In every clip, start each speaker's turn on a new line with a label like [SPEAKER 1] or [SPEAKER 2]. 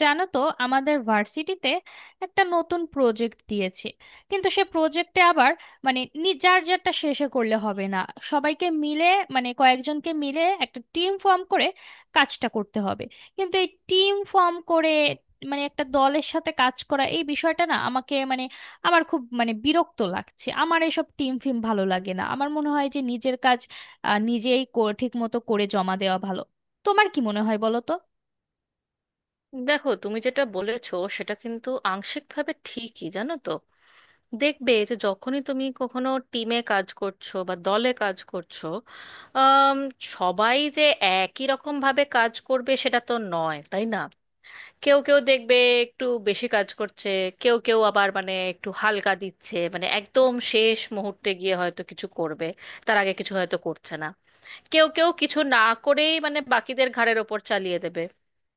[SPEAKER 1] জানো তো, আমাদের ভার্সিটিতে একটা নতুন প্রজেক্ট দিয়েছে, কিন্তু সে প্রজেক্টে আবার মানে যার যারটা শেষে করলে হবে না, সবাইকে মিলে মানে কয়েকজনকে মিলে একটা টিম ফর্ম করে কাজটা করতে হবে। কিন্তু এই টিম ফর্ম করে মানে একটা দলের সাথে কাজ করা এই বিষয়টা না আমাকে মানে আমার খুব মানে বিরক্ত লাগছে। আমার এসব টিম ফিম ভালো লাগে না, আমার মনে হয় যে নিজের কাজ নিজেই ঠিক মতো করে জমা দেওয়া ভালো। তোমার কি মনে হয় বলো তো?
[SPEAKER 2] দেখো, তুমি যেটা বলেছো সেটা কিন্তু আংশিকভাবে ঠিকই, জানো তো। দেখবে যে যখনই তুমি কখনো টিমে কাজ করছো বা দলে কাজ করছো, আম, সবাই যে একই রকম ভাবে কাজ করবে সেটা তো নয়, তাই না। কেউ কেউ দেখবে একটু বেশি কাজ করছে, কেউ কেউ আবার মানে একটু হালকা দিচ্ছে, মানে একদম শেষ মুহূর্তে গিয়ে হয়তো কিছু করবে, তার আগে কিছু হয়তো করছে না। কেউ কেউ কিছু না করেই মানে বাকিদের ঘাড়ের ওপর চালিয়ে দেবে।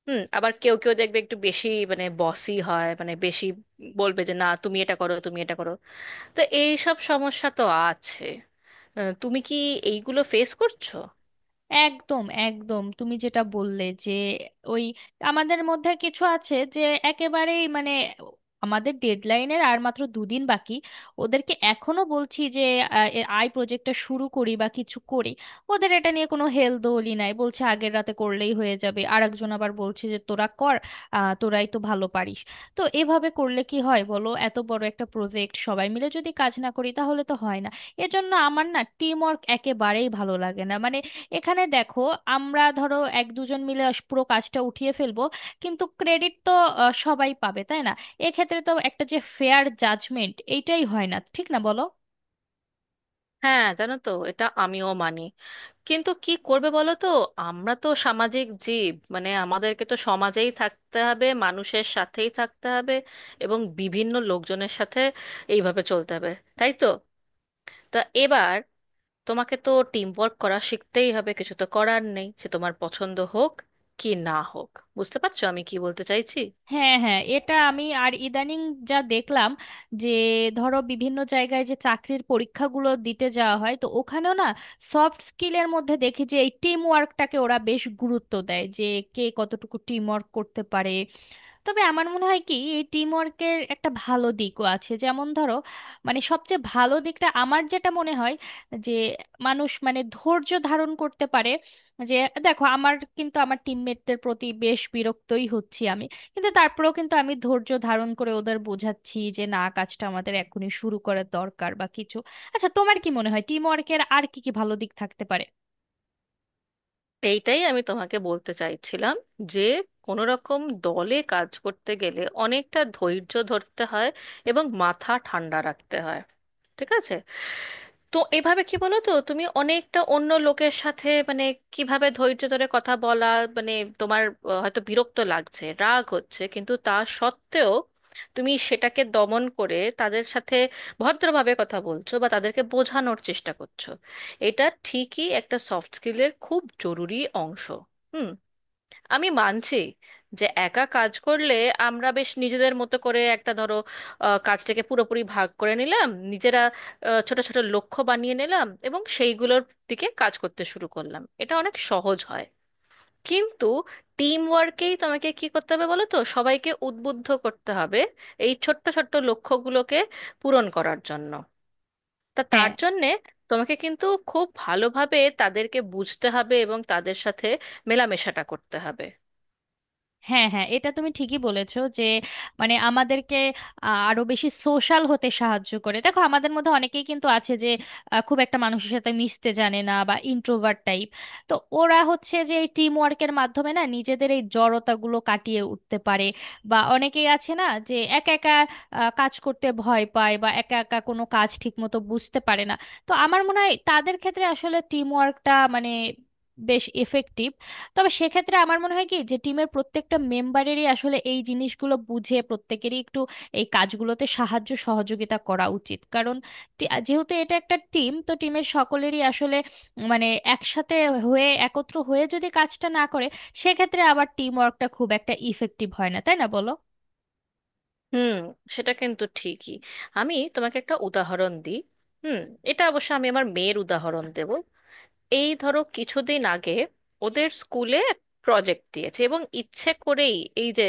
[SPEAKER 2] হুম, আবার কেউ কেউ দেখবে একটু বেশি মানে বসি হয়, মানে বেশি বলবে যে না তুমি এটা করো তুমি এটা করো। তো এই সব সমস্যা তো আছে। তুমি কি এইগুলো ফেস করছো?
[SPEAKER 1] একদম একদম, তুমি যেটা বললে, যে ওই আমাদের মধ্যে কিছু আছে যে একেবারেই মানে আমাদের ডেডলাইনের আর মাত্র দুদিন বাকি, ওদেরকে এখনো বলছি যে আই প্রজেক্টটা শুরু করি বা কিছু করি, ওদের এটা নিয়ে কোনো হেলদোলই নাই। বলছে আগের রাতে করলেই হয়ে যাবে, আর একজন আবার বলছে যে তোরা কর, তোরাই তো ভালো পারিস। তো এভাবে করলে কি হয় বলো, এত বড় একটা প্রজেক্ট সবাই মিলে যদি কাজ না করি তাহলে তো হয় না। এজন্য আমার না টিম ওয়ার্ক একেবারেই ভালো লাগে না। মানে এখানে দেখো, আমরা ধরো এক দুজন মিলে পুরো কাজটা উঠিয়ে ফেলবো, কিন্তু ক্রেডিট তো সবাই পাবে তাই না? এক্ষেত্রে তো একটা যে ফেয়ার জাজমেন্ট এইটাই হয় না, ঠিক না বলো?
[SPEAKER 2] হ্যাঁ, জানো তো, এটা আমিও মানি, কিন্তু কি করবে বলো তো। আমরা তো সামাজিক জীব, মানে আমাদেরকে তো সমাজেই থাকতে হবে, মানুষের সাথেই থাকতে হবে এবং বিভিন্ন লোকজনের সাথে এইভাবে চলতে হবে, তাই তো। তা এবার তোমাকে তো টিম ওয়ার্ক করা শিখতেই হবে, কিছু তো করার নেই, সে তোমার পছন্দ হোক কি না হোক। বুঝতে পারছো আমি কি বলতে চাইছি?
[SPEAKER 1] হ্যাঁ হ্যাঁ, এটা আমি আর ইদানিং যা দেখলাম, যে ধরো বিভিন্ন জায়গায় যে চাকরির পরীক্ষাগুলো দিতে যাওয়া হয়, তো ওখানেও না সফট স্কিলের মধ্যে দেখি যে এই টিম ওয়ার্কটাকে ওরা বেশ গুরুত্ব দেয়, যে কে কতটুকু টিম ওয়ার্ক করতে পারে। তবে আমার মনে হয় কি, এই টিম ওয়ার্কের একটা ভালো দিকও আছে। যেমন ধরো, মানে সবচেয়ে ভালো দিকটা আমার যেটা মনে হয়, যে মানুষ মানে ধৈর্য ধারণ করতে পারে। যে দেখো, আমার কিন্তু আমার টিমমেটদের প্রতি বেশ বিরক্তই হচ্ছি আমি, কিন্তু তারপরেও কিন্তু আমি ধৈর্য ধারণ করে ওদের বোঝাচ্ছি যে না, কাজটা আমাদের এখনই শুরু করার দরকার বা কিছু। আচ্ছা তোমার কি মনে হয় টিম ওয়ার্কের আর কি কি ভালো দিক থাকতে পারে?
[SPEAKER 2] এইটাই আমি তোমাকে বলতে চাইছিলাম যে কোনো রকম দলে কাজ করতে গেলে অনেকটা ধৈর্য ধরতে হয় এবং মাথা ঠান্ডা রাখতে হয়, ঠিক আছে। তো এভাবে কি বলো তো, তুমি অনেকটা অন্য লোকের সাথে মানে কিভাবে ধৈর্য ধরে কথা বলা, মানে তোমার হয়তো বিরক্ত লাগছে, রাগ হচ্ছে, কিন্তু তা সত্ত্বেও তুমি সেটাকে দমন করে তাদের সাথে ভদ্রভাবে কথা বলছো বা তাদেরকে বোঝানোর চেষ্টা করছো, এটা ঠিকই একটা সফট স্কিলের খুব জরুরি অংশ। হুম, আমি মানছি যে একা কাজ করলে আমরা বেশ নিজেদের মতো করে একটা ধরো কাজটাকে পুরোপুরি ভাগ করে নিলাম নিজেরা, ছোট ছোট লক্ষ্য বানিয়ে নিলাম এবং সেইগুলোর দিকে কাজ করতে শুরু করলাম, এটা অনেক সহজ হয়। কিন্তু টিম ওয়ার্কেই তোমাকে কি করতে হবে বলো তো, সবাইকে উদ্বুদ্ধ করতে হবে এই ছোট্ট ছোট্ট লক্ষ্যগুলোকে পূরণ করার জন্য। তা তার
[SPEAKER 1] হ্যাঁ
[SPEAKER 2] জন্যে তোমাকে কিন্তু খুব ভালোভাবে তাদেরকে বুঝতে হবে এবং তাদের সাথে মেলামেশাটা করতে হবে।
[SPEAKER 1] হ্যাঁ, এটা তুমি ঠিকই বলেছো যে মানে আমাদেরকে আরো বেশি সোশ্যাল হতে সাহায্য করে। দেখো, আমাদের মধ্যে অনেকেই কিন্তু আছে যে খুব একটা মানুষের সাথে মিশতে জানে না বা ইন্ট্রোভার্ট টাইপ। তো ওরা হচ্ছে যে এই টিম ওয়ার্কের মাধ্যমে না নিজেদের এই জড়তাগুলো কাটিয়ে উঠতে পারে, বা অনেকেই আছে না যে একা একা কাজ করতে ভয় পায় বা একা একা কোনো কাজ ঠিক মতো বুঝতে পারে না। তো আমার মনে হয় তাদের ক্ষেত্রে আসলে টিম ওয়ার্কটা মানে বেশ এফেক্টিভ। তবে সেক্ষেত্রে আমার মনে হয় কি, যে টিমের প্রত্যেকটা মেম্বারেরই আসলে এই জিনিসগুলো বুঝে প্রত্যেকেরই একটু এই কাজগুলোতে সাহায্য সহযোগিতা করা উচিত, কারণ যেহেতু এটা একটা টিম, তো টিমের সকলেরই আসলে মানে একসাথে হয়ে একত্র হয়ে যদি কাজটা না করে, সেক্ষেত্রে আবার টিম ওয়ার্কটা খুব একটা ইফেক্টিভ হয় না, তাই না বলো?
[SPEAKER 2] হুম, সেটা কিন্তু ঠিকই। আমি তোমাকে একটা উদাহরণ দিই। হুম। এটা অবশ্য আমি আমার মেয়ের উদাহরণ দেব। এই ধরো, কিছুদিন আগে ওদের স্কুলে প্রজেক্ট দিয়েছে, এবং ইচ্ছে করেই এই যে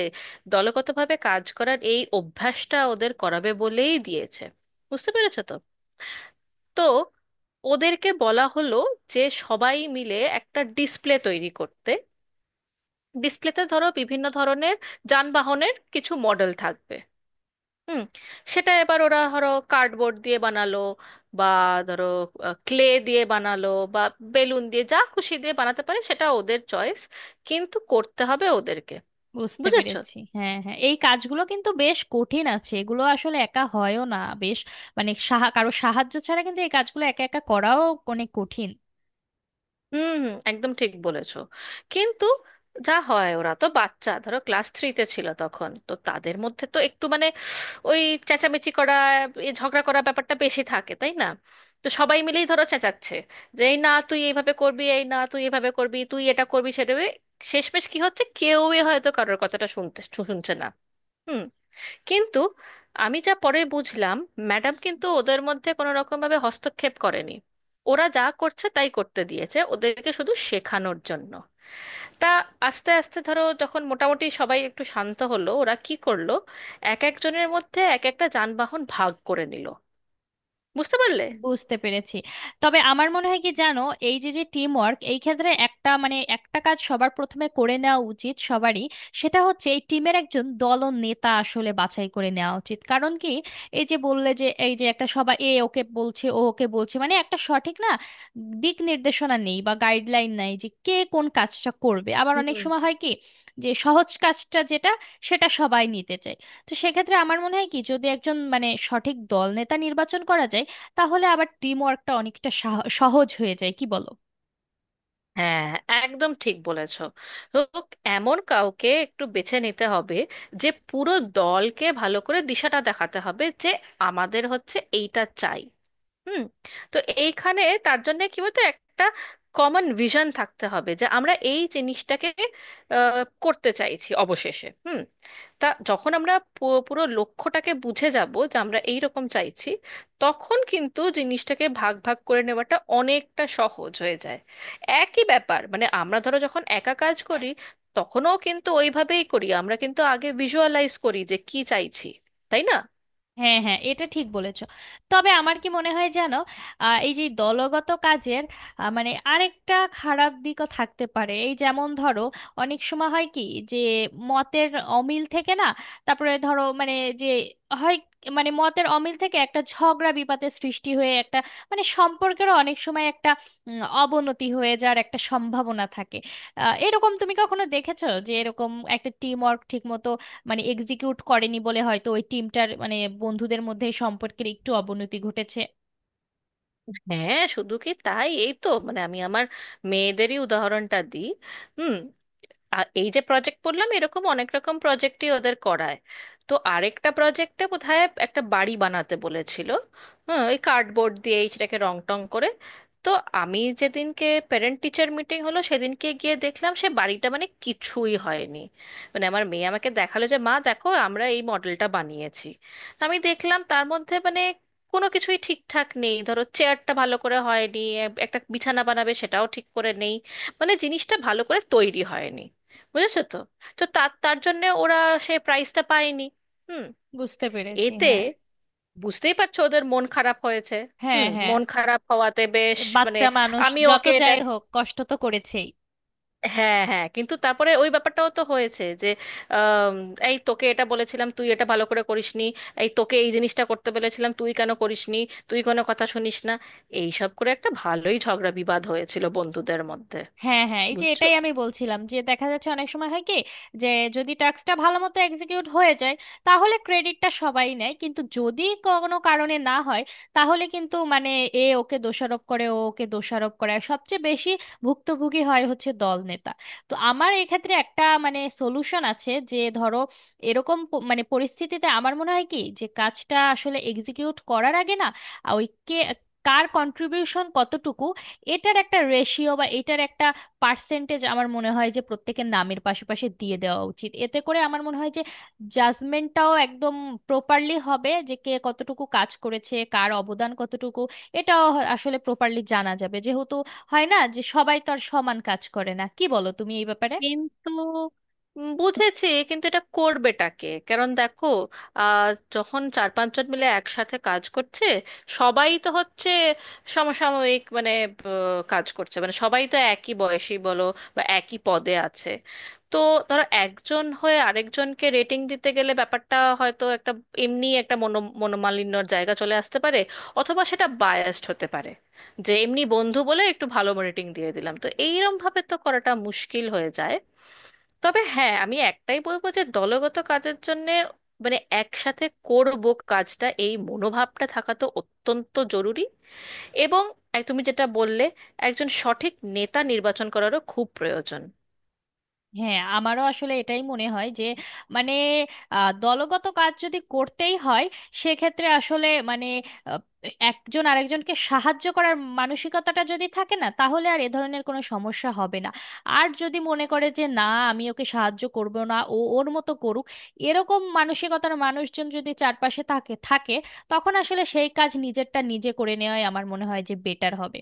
[SPEAKER 2] দলগতভাবে কাজ করার এই অভ্যাসটা ওদের করাবে বলেই দিয়েছে, বুঝতে পেরেছো তো। তো ওদেরকে বলা হলো যে সবাই মিলে একটা ডিসপ্লে তৈরি করতে। ডিসপ্লেতে ধরো বিভিন্ন ধরনের যানবাহনের কিছু মডেল থাকবে। হুম। সেটা এবার ওরা ধরো কার্ডবোর্ড দিয়ে বানালো, বা ধরো ক্লে দিয়ে বানালো, বা বেলুন দিয়ে, যা খুশি দিয়ে বানাতে পারে, সেটা ওদের চয়েস, কিন্তু করতে হবে ওদেরকে।
[SPEAKER 1] বুঝতে
[SPEAKER 2] বুঝেছো।
[SPEAKER 1] পেরেছি, হ্যাঁ হ্যাঁ, এই কাজগুলো কিন্তু বেশ কঠিন আছে, এগুলো আসলে একা হয়ও না। বেশ, মানে কারো সাহায্য ছাড়া কিন্তু এই কাজগুলো একা একা করাও অনেক কঠিন।
[SPEAKER 2] হুম, হুম, একদম ঠিক বলেছো। কিন্তু যা হয়, ওরা তো বাচ্চা, ধরো ক্লাস থ্রিতে ছিল তখন, তো তাদের মধ্যে তো একটু মানে ওই চেঁচামেচি করা, এ ঝগড়া করা ব্যাপারটা বেশি থাকে, তাই না। তো সবাই মিলেই ধরো চেঁচাচ্ছে যে এই না তুই এইভাবে করবি, এই না তুই এভাবে করবি, তুই এটা করবি সেটা করবি। শেষমেশ কি হচ্ছে, কেউই হয়তো কারোর কথাটা শুনছে না। হুম। কিন্তু আমি যা পরে বুঝলাম, ম্যাডাম কিন্তু ওদের মধ্যে কোনো রকম ভাবে হস্তক্ষেপ করেনি, ওরা যা করছে তাই করতে দিয়েছে ওদেরকে, শুধু শেখানোর জন্য। তা আস্তে আস্তে ধরো যখন মোটামুটি সবাই একটু শান্ত হলো, ওরা কি করলো, এক একজনের মধ্যে এক একটা যানবাহন ভাগ করে নিল। বুঝতে পারলে।
[SPEAKER 1] বুঝতে পেরেছি। তবে আমার মনে হয় কি জানো, এই যে যে টিম ওয়ার্ক, এই ক্ষেত্রে একটা মানে একটা কাজ সবার প্রথমে করে নেওয়া উচিত সবারই। সেটা হচ্ছে এই টিমের একজন দল নেতা আসলে বাছাই করে নেওয়া উচিত। কারণ কি, এই যে বললে যে এই যে একটা সবাই এ ওকে বলছে ও ওকে বলছে, মানে একটা সঠিক না দিক নির্দেশনা নেই বা গাইডলাইন নাই যে কে কোন কাজটা করবে। আবার অনেক
[SPEAKER 2] হুম।
[SPEAKER 1] সময় হয় কি, যে সহজ কাজটা যেটা, সেটা সবাই নিতে চায়। তো সেক্ষেত্রে আমার মনে হয় কি, যদি একজন মানে সঠিক দল নেতা নির্বাচন করা যায়, তাহলে আবার টিম ওয়ার্কটা অনেকটা সহজ হয়ে যায়, কি বলো?
[SPEAKER 2] হ্যাঁ, একদম ঠিক বলেছো। তো এমন কাউকে একটু বেছে নিতে হবে যে পুরো দলকে ভালো করে দিশাটা দেখাতে হবে যে আমাদের হচ্ছে এইটা চাই। হুম। তো এইখানে তার জন্য কি বলতো, একটা কমন ভিশন থাকতে হবে যে আমরা এই জিনিসটাকে করতে চাইছি অবশেষে। হুম। তা যখন আমরা পুরো লক্ষ্যটাকে বুঝে যাব যে আমরা এই রকম চাইছি, তখন কিন্তু জিনিসটাকে ভাগ ভাগ করে নেওয়াটা অনেকটা সহজ হয়ে যায়। একই ব্যাপার, মানে আমরা ধরো যখন একা কাজ করি, তখনও কিন্তু ওইভাবেই করি আমরা, কিন্তু আগে ভিজুয়ালাইজ করি যে কি চাইছি, তাই না।
[SPEAKER 1] হ্যাঁ হ্যাঁ, এটা ঠিক বলেছো। তবে আমার কি মনে হয় জানো, এই যে দলগত কাজের মানে আরেকটা খারাপ দিকও থাকতে পারে। এই যেমন ধরো, অনেক সময় হয় কি, যে মতের অমিল থেকে না, তারপরে ধরো মানে, যে হয় মানে মতের অমিল থেকে একটা ঝগড়া বিবাদের সৃষ্টি হয়ে একটা মানে সম্পর্কেরও অনেক সময় একটা অবনতি হয়ে যাওয়ার একটা সম্ভাবনা থাকে। এরকম তুমি কখনো দেখেছো যে এরকম একটা টিম ওয়ার্ক ঠিক মানে এক্সিকিউট করেনি বলে হয়তো ওই টিমটার মানে বন্ধুদের মধ্যে সম্পর্কের একটু অবনতি ঘটেছে?
[SPEAKER 2] হ্যাঁ, শুধু কি তাই, এই তো, মানে আমি আমার মেয়েদেরই উদাহরণটা দিই। হুম। এই যে প্রজেক্ট বললাম, এরকম অনেক রকম প্রজেক্টই ওদের করায়। তো আরেকটা প্রজেক্টে বোধহয় একটা বাড়ি বানাতে বলেছিল, হ্যাঁ, ওই কার্ডবোর্ড দিয়ে, এই সেটাকে রং টং করে। তো আমি যেদিনকে প্যারেন্ট টিচার মিটিং হলো সেদিনকে গিয়ে দেখলাম সে বাড়িটা মানে কিছুই হয়নি। মানে আমার মেয়ে আমাকে দেখালো যে মা দেখো আমরা এই মডেলটা বানিয়েছি। তো আমি দেখলাম তার মধ্যে মানে কোনো কিছুই ঠিকঠাক নেই, ধরো চেয়ারটা ভালো করে হয়নি, একটা বিছানা বানাবে সেটাও ঠিক করে নেই, মানে জিনিসটা ভালো করে তৈরি হয়নি, বুঝেছো তো। তো তার তার জন্য ওরা সে প্রাইজটা পায়নি। হুম।
[SPEAKER 1] বুঝতে পেরেছি,
[SPEAKER 2] এতে
[SPEAKER 1] হ্যাঁ
[SPEAKER 2] বুঝতেই পারছো ওদের মন খারাপ হয়েছে।
[SPEAKER 1] হ্যাঁ।
[SPEAKER 2] হুম,
[SPEAKER 1] হ্যাঁ,
[SPEAKER 2] মন খারাপ হওয়াতে বেশ,
[SPEAKER 1] এ
[SPEAKER 2] মানে
[SPEAKER 1] বাচ্চা মানুষ,
[SPEAKER 2] আমি
[SPEAKER 1] যত
[SPEAKER 2] ওকে এটা
[SPEAKER 1] যাই হোক কষ্ট তো করেছেই।
[SPEAKER 2] হ্যাঁ, হ্যাঁ, কিন্তু তারপরে ওই ব্যাপারটাও তো হয়েছে যে আম, এই তোকে এটা বলেছিলাম তুই এটা ভালো করে করিসনি, এই তোকে এই জিনিসটা করতে বলেছিলাম তুই কেন করিসনি, তুই কোনো কথা শুনিস না, এই সব করে একটা ভালোই ঝগড়া বিবাদ হয়েছিল বন্ধুদের মধ্যে।
[SPEAKER 1] হ্যাঁ হ্যাঁ, এই যে
[SPEAKER 2] বুঝছো।
[SPEAKER 1] এটাই আমি বলছিলাম যে দেখা যাচ্ছে অনেক সময় হয় কি, যে যদি টাস্কটা ভালো মতো এক্সিকিউট হয়ে যায় তাহলে ক্রেডিটটা সবাই নেয়, কিন্তু যদি কোনো কারণে না হয় তাহলে কিন্তু মানে এ ওকে দোষারোপ করে ও ওকে দোষারোপ করে, আর সবচেয়ে বেশি ভুক্তভোগী হয় হচ্ছে দল নেতা। তো আমার এক্ষেত্রে একটা মানে সলিউশন আছে, যে ধরো এরকম মানে পরিস্থিতিতে আমার মনে হয় কি, যে কাজটা আসলে এক্সিকিউট করার আগে না ওই কে কার কন্ট্রিবিউশন কতটুকু, এটার একটা রেশিও বা এটার একটা পার্সেন্টেজ আমার মনে হয় যে প্রত্যেকের নামের পাশে পাশে দিয়ে দেওয়া উচিত। এতে করে আমার মনে হয় যে জাজমেন্টটাও একদম প্রপারলি হবে, যে কে কতটুকু কাজ করেছে, কার অবদান কতটুকু, এটাও আসলে প্রপারলি জানা যাবে, যেহেতু হয় না যে সবাই তো আর সমান কাজ করে না। কি বলো তুমি এই ব্যাপারে?
[SPEAKER 2] কিন্তু বুঝেছি, কিন্তু এটা করবেটাকে, কারণ দেখো, আহ যখন চার পাঁচজন মিলে একসাথে কাজ করছে, সবাই তো হচ্ছে সমসাময়িক, মানে কাজ করছে, মানে সবাই তো একই বয়সী বলো, বা একই পদে আছে। তো ধরো একজন হয়ে আরেকজনকে রেটিং দিতে গেলে ব্যাপারটা হয়তো একটা এমনি একটা মনোমালিন্যর জায়গা চলে আসতে পারে, অথবা সেটা বায়াসড হতে পারে, যে এমনি বন্ধু বলে একটু ভালো রেটিং দিয়ে দিলাম, তো এইরকম ভাবে তো করাটা মুশকিল হয়ে যায়। তবে হ্যাঁ, আমি একটাই বলবো যে দলগত কাজের জন্য মানে একসাথে করব কাজটা, এই মনোভাবটা থাকা তো অত্যন্ত জরুরি। এবং তুমি যেটা বললে, একজন সঠিক নেতা নির্বাচন করারও খুব প্রয়োজন।
[SPEAKER 1] হ্যাঁ, আমারও আসলে এটাই মনে হয় যে মানে দলগত কাজ যদি করতেই হয়, সেক্ষেত্রে আসলে মানে আহ, একজন আরেকজনকে সাহায্য করার মানসিকতাটা যদি থাকে না, তাহলে আর এ ধরনের কোনো সমস্যা হবে না। আর যদি মনে করে যে না, আমি ওকে সাহায্য করব না, ও ওর মতো করুক, এরকম মানসিকতার মানুষজন যদি চারপাশে থাকে থাকে, তখন আসলে সেই কাজ নিজেরটা নিজে করে নেওয়াই আমার মনে হয় যে বেটার হবে।